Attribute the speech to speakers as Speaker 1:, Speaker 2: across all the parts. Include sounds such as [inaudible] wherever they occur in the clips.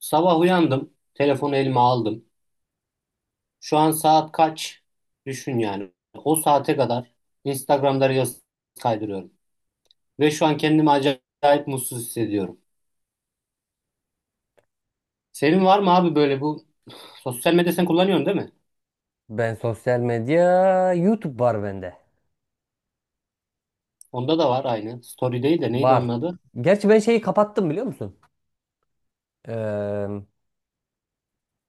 Speaker 1: Sabah uyandım, telefonu elime aldım. Şu an saat kaç? Düşün yani. O saate kadar Instagram'da Reels kaydırıyorum. Ve şu an kendimi acayip mutsuz hissediyorum. Senin var mı abi böyle bu sosyal medya sen kullanıyorsun değil mi?
Speaker 2: Ben sosyal medya, YouTube var bende.
Speaker 1: Onda da var aynı. Story değil de neydi onun
Speaker 2: Var.
Speaker 1: adı?
Speaker 2: Gerçi ben şeyi kapattım biliyor musun? Ee,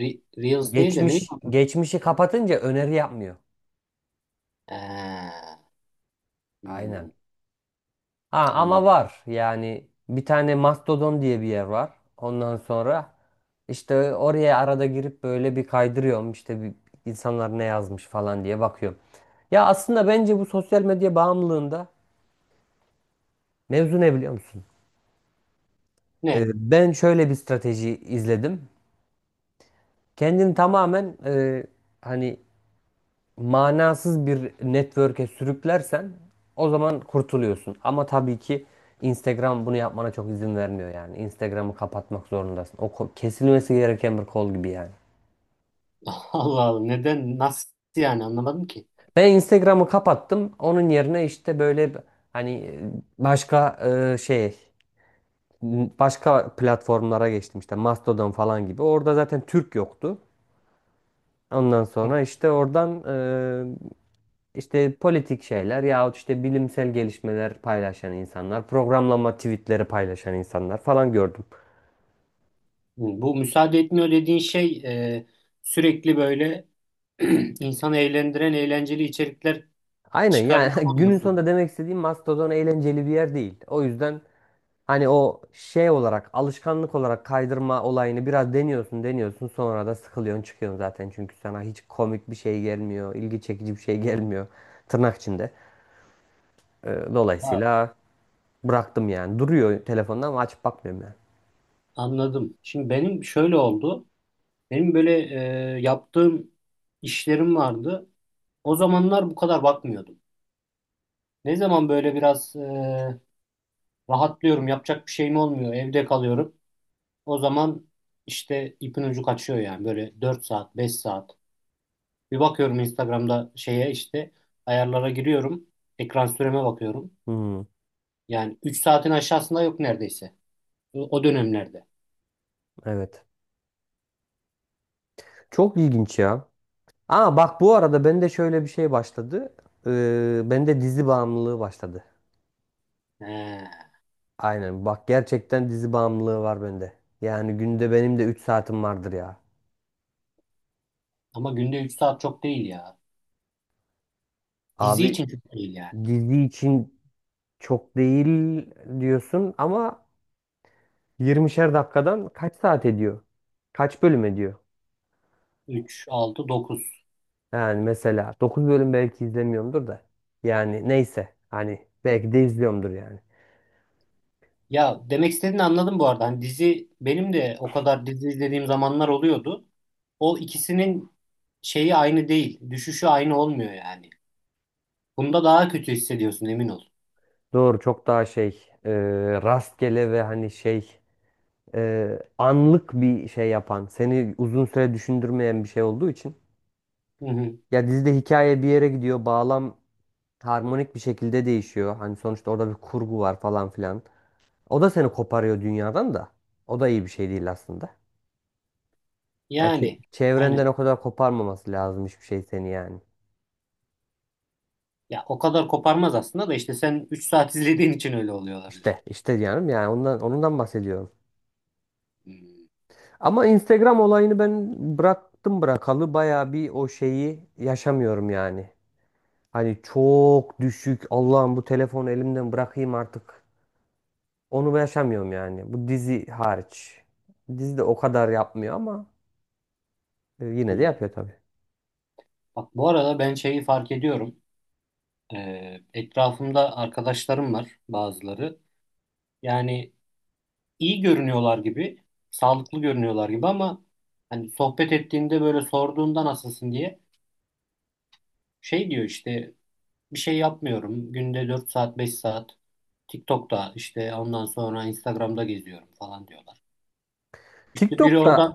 Speaker 1: Reels değil de neydi,
Speaker 2: geçmiş
Speaker 1: onun adı?
Speaker 2: geçmişi kapatınca öneri yapmıyor.
Speaker 1: Ee,
Speaker 2: Aynen.
Speaker 1: hmm,
Speaker 2: Ha ama
Speaker 1: anladım.
Speaker 2: var. Yani bir tane Mastodon diye bir yer var. Ondan sonra işte oraya arada girip böyle bir kaydırıyorum. İşte bir, insanlar ne yazmış falan diye bakıyorum. Ya aslında bence bu sosyal medya bağımlılığında mevzu ne biliyor musun? Ee,
Speaker 1: Ne?
Speaker 2: ben şöyle bir strateji izledim. Kendini tamamen hani manasız bir network'e sürüklersen o zaman kurtuluyorsun. Ama tabii ki Instagram bunu yapmana çok izin vermiyor yani. Instagram'ı kapatmak zorundasın. O kesilmesi gereken bir kol gibi yani.
Speaker 1: [laughs] Allah Allah neden nasıl yani anlamadım ki.
Speaker 2: Ben Instagram'ı kapattım. Onun yerine işte böyle hani başka şey başka platformlara geçtim işte Mastodon falan gibi. Orada zaten Türk yoktu. Ondan
Speaker 1: Hı.
Speaker 2: sonra işte oradan e, İşte politik şeyler yahut işte bilimsel gelişmeler paylaşan insanlar, programlama tweetleri paylaşan insanlar falan gördüm.
Speaker 1: Bu müsaade etmiyor dediğin şey, e, sürekli böyle [clears throat] İnsanı eğlendiren eğlenceli içerikler
Speaker 2: Aynen yani
Speaker 1: çıkarıyor
Speaker 2: [laughs] günün
Speaker 1: olması mı?
Speaker 2: sonunda demek istediğim Mastodon eğlenceli bir yer değil. O yüzden hani o şey olarak alışkanlık olarak kaydırma olayını biraz deniyorsun deniyorsun sonra da sıkılıyorsun çıkıyorsun zaten. Çünkü sana hiç komik bir şey gelmiyor, ilgi çekici bir şey gelmiyor tırnak içinde.
Speaker 1: Ha,
Speaker 2: Dolayısıyla bıraktım yani duruyor telefonda ama açıp bakmıyorum yani.
Speaker 1: anladım. Şimdi benim şöyle oldu. Benim böyle yaptığım işlerim vardı. O zamanlar bu kadar bakmıyordum. Ne zaman böyle biraz rahatlıyorum, yapacak bir şeyim olmuyor, evde kalıyorum. O zaman işte ipin ucu kaçıyor yani böyle 4 saat, 5 saat. Bir bakıyorum Instagram'da şeye işte ayarlara giriyorum. Ekran süreme bakıyorum.
Speaker 2: Hmm,
Speaker 1: Yani 3 saatin aşağısında yok neredeyse. O dönemlerde.
Speaker 2: evet. Çok ilginç ya. Aa bak bu arada bende şöyle bir şey başladı. Bende dizi bağımlılığı başladı.
Speaker 1: He.
Speaker 2: Aynen bak gerçekten dizi bağımlılığı var bende. Yani günde benim de 3 saatim vardır ya.
Speaker 1: Ama günde 3 saat çok değil ya. Dizi
Speaker 2: Abi
Speaker 1: için çok değil yani.
Speaker 2: dizi için çok değil diyorsun ama 20'şer dakikadan kaç saat ediyor? Kaç bölüm ediyor?
Speaker 1: Üç altı dokuz.
Speaker 2: Yani mesela 9 bölüm belki izlemiyorumdur da. Yani neyse hani belki de izliyorumdur yani.
Speaker 1: Ya demek istediğini anladım bu arada. Hani dizi benim de o kadar dizi izlediğim zamanlar oluyordu. O ikisinin şeyi aynı değil. Düşüşü aynı olmuyor yani. Bunda daha kötü hissediyorsun, emin ol.
Speaker 2: Doğru çok daha şey rastgele ve hani şey anlık bir şey yapan, seni uzun süre düşündürmeyen bir şey olduğu için.
Speaker 1: Hı hı.
Speaker 2: Ya dizide hikaye bir yere gidiyor, bağlam harmonik bir şekilde değişiyor. Hani sonuçta orada bir kurgu var falan filan. O da seni koparıyor dünyadan da. O da iyi bir şey değil aslında. Ya
Speaker 1: Yani
Speaker 2: çevrenden
Speaker 1: aynen.
Speaker 2: o kadar koparmaması lazım hiçbir şey seni yani.
Speaker 1: Ya o kadar koparmaz aslında da işte sen 3 saat izlediğin için öyle oluyor olabilir.
Speaker 2: İşte, işte diyorum yani ondan bahsediyorum.
Speaker 1: Hmm.
Speaker 2: Ama Instagram olayını ben bıraktım bırakalı bayağı bir o şeyi yaşamıyorum yani. Hani çok düşük. Allah'ım bu telefonu elimden bırakayım artık. Onu yaşamıyorum yani. Bu dizi hariç. Dizi de o kadar yapmıyor ama yine de
Speaker 1: Hmm.
Speaker 2: yapıyor tabii.
Speaker 1: Bak bu arada ben şeyi fark ediyorum. Etrafımda arkadaşlarım var bazıları. Yani iyi görünüyorlar gibi, sağlıklı görünüyorlar gibi ama hani sohbet ettiğinde böyle sorduğunda nasılsın diye şey diyor işte, bir şey yapmıyorum. Günde 4 saat 5 saat TikTok'ta işte ondan sonra Instagram'da geziyorum falan diyorlar. İşte biri
Speaker 2: TikTok'ta.
Speaker 1: oradan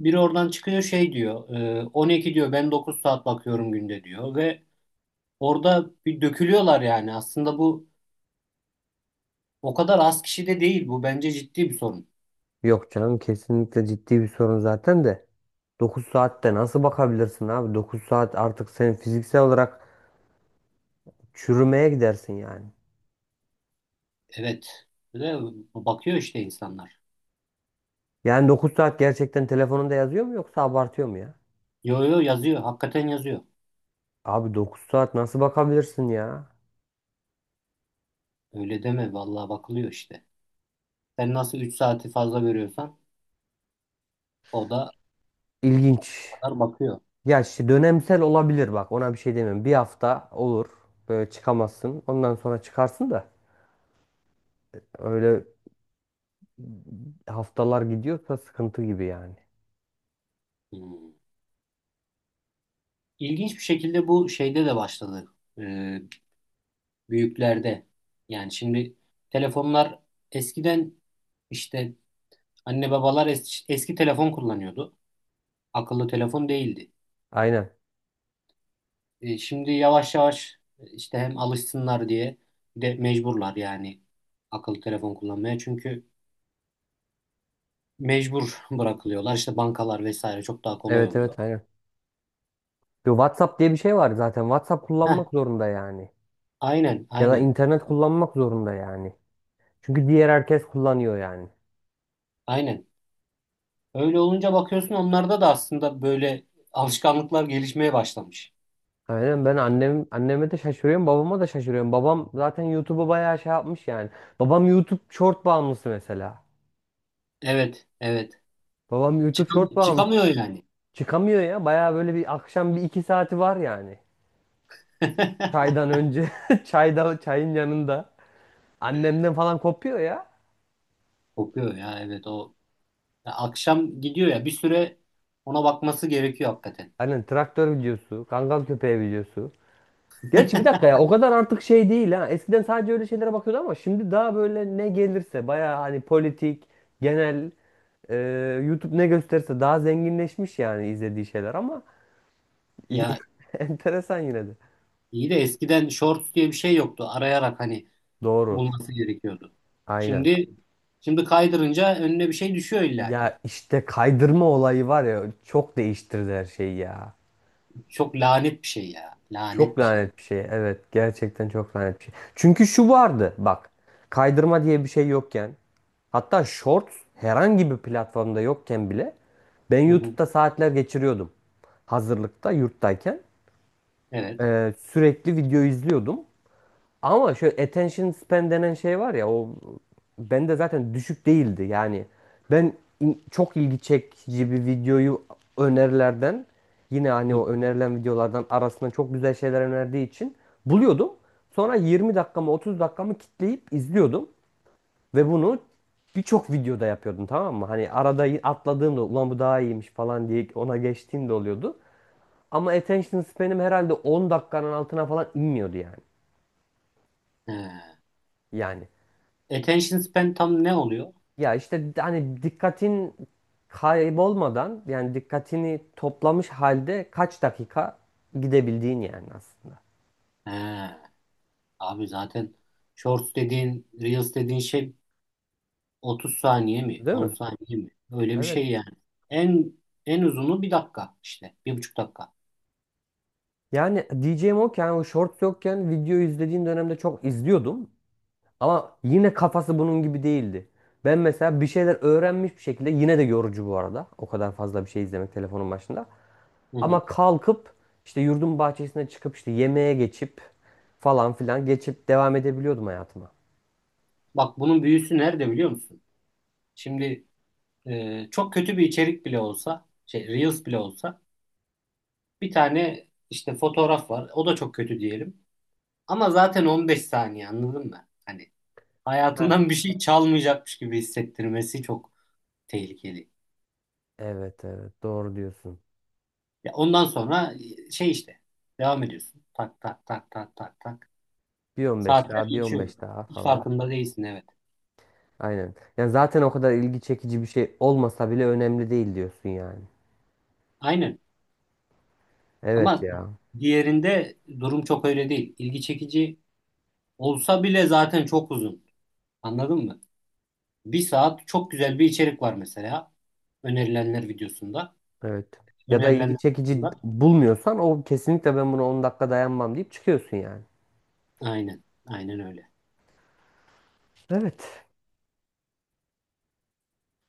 Speaker 1: biri oradan çıkıyor şey diyor, 12 diyor ben 9 saat bakıyorum günde diyor ve orada bir dökülüyorlar yani. Aslında bu o kadar az kişi de değil. Bu bence ciddi bir sorun.
Speaker 2: Yok canım, kesinlikle ciddi bir sorun zaten de. 9 saatte nasıl bakabilirsin abi? 9 saat artık sen fiziksel olarak çürümeye gidersin yani.
Speaker 1: Evet. Ve bakıyor işte insanlar.
Speaker 2: Yani 9 saat gerçekten telefonunda yazıyor mu yoksa abartıyor mu ya?
Speaker 1: Yo yo, yazıyor. Hakikaten yazıyor.
Speaker 2: Abi 9 saat nasıl bakabilirsin ya?
Speaker 1: Öyle deme. Vallahi bakılıyor işte. Sen nasıl 3 saati fazla veriyorsan, o da o
Speaker 2: İlginç.
Speaker 1: kadar bakıyor.
Speaker 2: Ya işte dönemsel olabilir bak ona bir şey demiyorum. Bir hafta olur böyle çıkamazsın. Ondan sonra çıkarsın da öyle haftalar gidiyorsa sıkıntı gibi yani.
Speaker 1: Hmm. İlginç bir şekilde bu şeyde de başladı. Ee, Büyüklerde. Yani şimdi telefonlar eskiden işte anne babalar eski telefon kullanıyordu. Akıllı telefon değildi.
Speaker 2: Aynen.
Speaker 1: Şimdi yavaş yavaş işte hem alışsınlar diye bir de mecburlar yani akıllı telefon kullanmaya. Çünkü mecbur bırakılıyorlar. İşte bankalar vesaire çok daha kolay
Speaker 2: Evet
Speaker 1: oluyor.
Speaker 2: evet aynen. Yo, WhatsApp diye bir şey var zaten. WhatsApp
Speaker 1: Heh,
Speaker 2: kullanmak zorunda yani.
Speaker 1: aynen,
Speaker 2: Ya da
Speaker 1: aynen,
Speaker 2: internet kullanmak zorunda yani. Çünkü diğer herkes kullanıyor yani.
Speaker 1: aynen. Öyle olunca bakıyorsun onlarda da aslında böyle alışkanlıklar gelişmeye başlamış.
Speaker 2: Aynen ben anneme de şaşırıyorum, babama da şaşırıyorum. Babam zaten YouTube'u bayağı şey yapmış yani. Babam YouTube short bağımlısı mesela.
Speaker 1: Evet, evet.
Speaker 2: Babam YouTube short bağımlısı.
Speaker 1: Çıkamıyor yani.
Speaker 2: Çıkamıyor ya. Bayağı böyle bir akşam bir iki saati var yani.
Speaker 1: [laughs]
Speaker 2: Çaydan önce. [laughs] Çayın yanında. Annemden falan kopuyor ya.
Speaker 1: Kokuyor ya, evet o. Ya akşam gidiyor ya bir süre ona bakması gerekiyor hakikaten.
Speaker 2: Hani traktör videosu, kangal köpeği videosu. Gerçi bir dakika
Speaker 1: [laughs]
Speaker 2: ya o kadar artık şey değil ha. Eskiden sadece öyle şeylere bakıyordu ama şimdi daha böyle ne gelirse bayağı hani politik, genel, e, YouTube ne gösterirse daha zenginleşmiş yani izlediği şeyler ama
Speaker 1: Ya
Speaker 2: [laughs] enteresan yine de.
Speaker 1: iyi de eskiden shorts diye bir şey yoktu. Arayarak hani
Speaker 2: Doğru.
Speaker 1: bulması gerekiyordu.
Speaker 2: Aynen.
Speaker 1: Şimdi şimdi kaydırınca önüne bir şey düşüyor illaki.
Speaker 2: Ya işte kaydırma olayı var ya çok değiştirdi her şeyi ya.
Speaker 1: Çok lanet bir şey ya.
Speaker 2: Çok
Speaker 1: Lanet bir şey.
Speaker 2: lanet bir şey. Evet, gerçekten çok lanet bir şey. Çünkü şu vardı bak. Kaydırma diye bir şey yokken hatta Shorts herhangi bir platformda yokken bile ben
Speaker 1: Hı hı.
Speaker 2: YouTube'da saatler geçiriyordum. Hazırlıkta, yurttayken
Speaker 1: Evet.
Speaker 2: Sürekli video izliyordum. Ama şöyle attention span denen şey var ya o bende zaten düşük değildi. Yani ben çok ilgi çekici bir videoyu önerilerden yine hani
Speaker 1: Hı.
Speaker 2: o önerilen videolardan arasından çok güzel şeyler önerdiği için buluyordum. Sonra 20 dakikamı 30 dakikamı kitleyip izliyordum ve bunu birçok videoda yapıyordum, tamam mı? Hani arada atladığım da ulan bu daha iyiymiş falan diye ona geçtiğim de oluyordu. Ama attention span'im herhalde 10 dakikanın altına falan inmiyordu yani.
Speaker 1: He.
Speaker 2: Yani.
Speaker 1: Attention span tam ne oluyor?
Speaker 2: Ya işte hani dikkatin kaybolmadan yani dikkatini toplamış halde kaç dakika gidebildiğin yani aslında.
Speaker 1: He. Abi zaten shorts dediğin, reels dediğin şey 30 saniye mi?
Speaker 2: Değil
Speaker 1: 10
Speaker 2: mi?
Speaker 1: saniye mi? Öyle bir
Speaker 2: Evet.
Speaker 1: şey yani. En en uzunu bir dakika işte. Bir buçuk dakika.
Speaker 2: Yani diyeceğim o ki yani o shorts yokken video izlediğim dönemde çok izliyordum. Ama yine kafası bunun gibi değildi. Ben mesela bir şeyler öğrenmiş bir şekilde yine de yorucu bu arada. O kadar fazla bir şey izlemek telefonun başında.
Speaker 1: Hı hı.
Speaker 2: Ama kalkıp işte yurdun bahçesine çıkıp işte yemeğe geçip falan filan geçip devam edebiliyordum hayatıma.
Speaker 1: Bak bunun büyüsü nerede biliyor musun? Şimdi çok kötü bir içerik bile olsa, şey reels bile olsa bir tane işte fotoğraf var. O da çok kötü diyelim. Ama zaten 15 saniye anladın mı? Hani
Speaker 2: Heh.
Speaker 1: hayatından bir şey çalmayacakmış gibi hissettirmesi çok tehlikeli.
Speaker 2: Evet evet doğru diyorsun.
Speaker 1: Ya ondan sonra şey işte devam ediyorsun. Tak tak tak tak tak tak.
Speaker 2: Bir 15
Speaker 1: Saatler
Speaker 2: daha bir on
Speaker 1: geçiyor.
Speaker 2: beş daha
Speaker 1: Hiç
Speaker 2: falan.
Speaker 1: farkında değilsin, evet.
Speaker 2: Aynen. Yani zaten o kadar ilgi çekici bir şey olmasa bile önemli değil diyorsun yani.
Speaker 1: Aynen.
Speaker 2: Evet
Speaker 1: Ama
Speaker 2: ya.
Speaker 1: diğerinde durum çok öyle değil. İlgi çekici olsa bile zaten çok uzun. Anladın mı? Bir saat çok güzel bir içerik var mesela. Önerilenler videosunda.
Speaker 2: Evet. Ya da ilgi
Speaker 1: Önerilenler
Speaker 2: çekici
Speaker 1: videosunda.
Speaker 2: bulmuyorsan o kesinlikle ben buna 10 dakika dayanmam deyip çıkıyorsun yani.
Speaker 1: Aynen. Aynen öyle.
Speaker 2: Evet.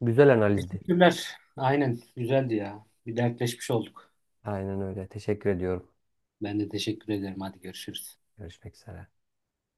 Speaker 2: Güzel analizdi.
Speaker 1: Teşekkürler. Aynen. Güzeldi ya. Bir dertleşmiş olduk.
Speaker 2: Aynen öyle. Teşekkür ediyorum.
Speaker 1: Ben de teşekkür ederim. Hadi görüşürüz.
Speaker 2: Görüşmek üzere.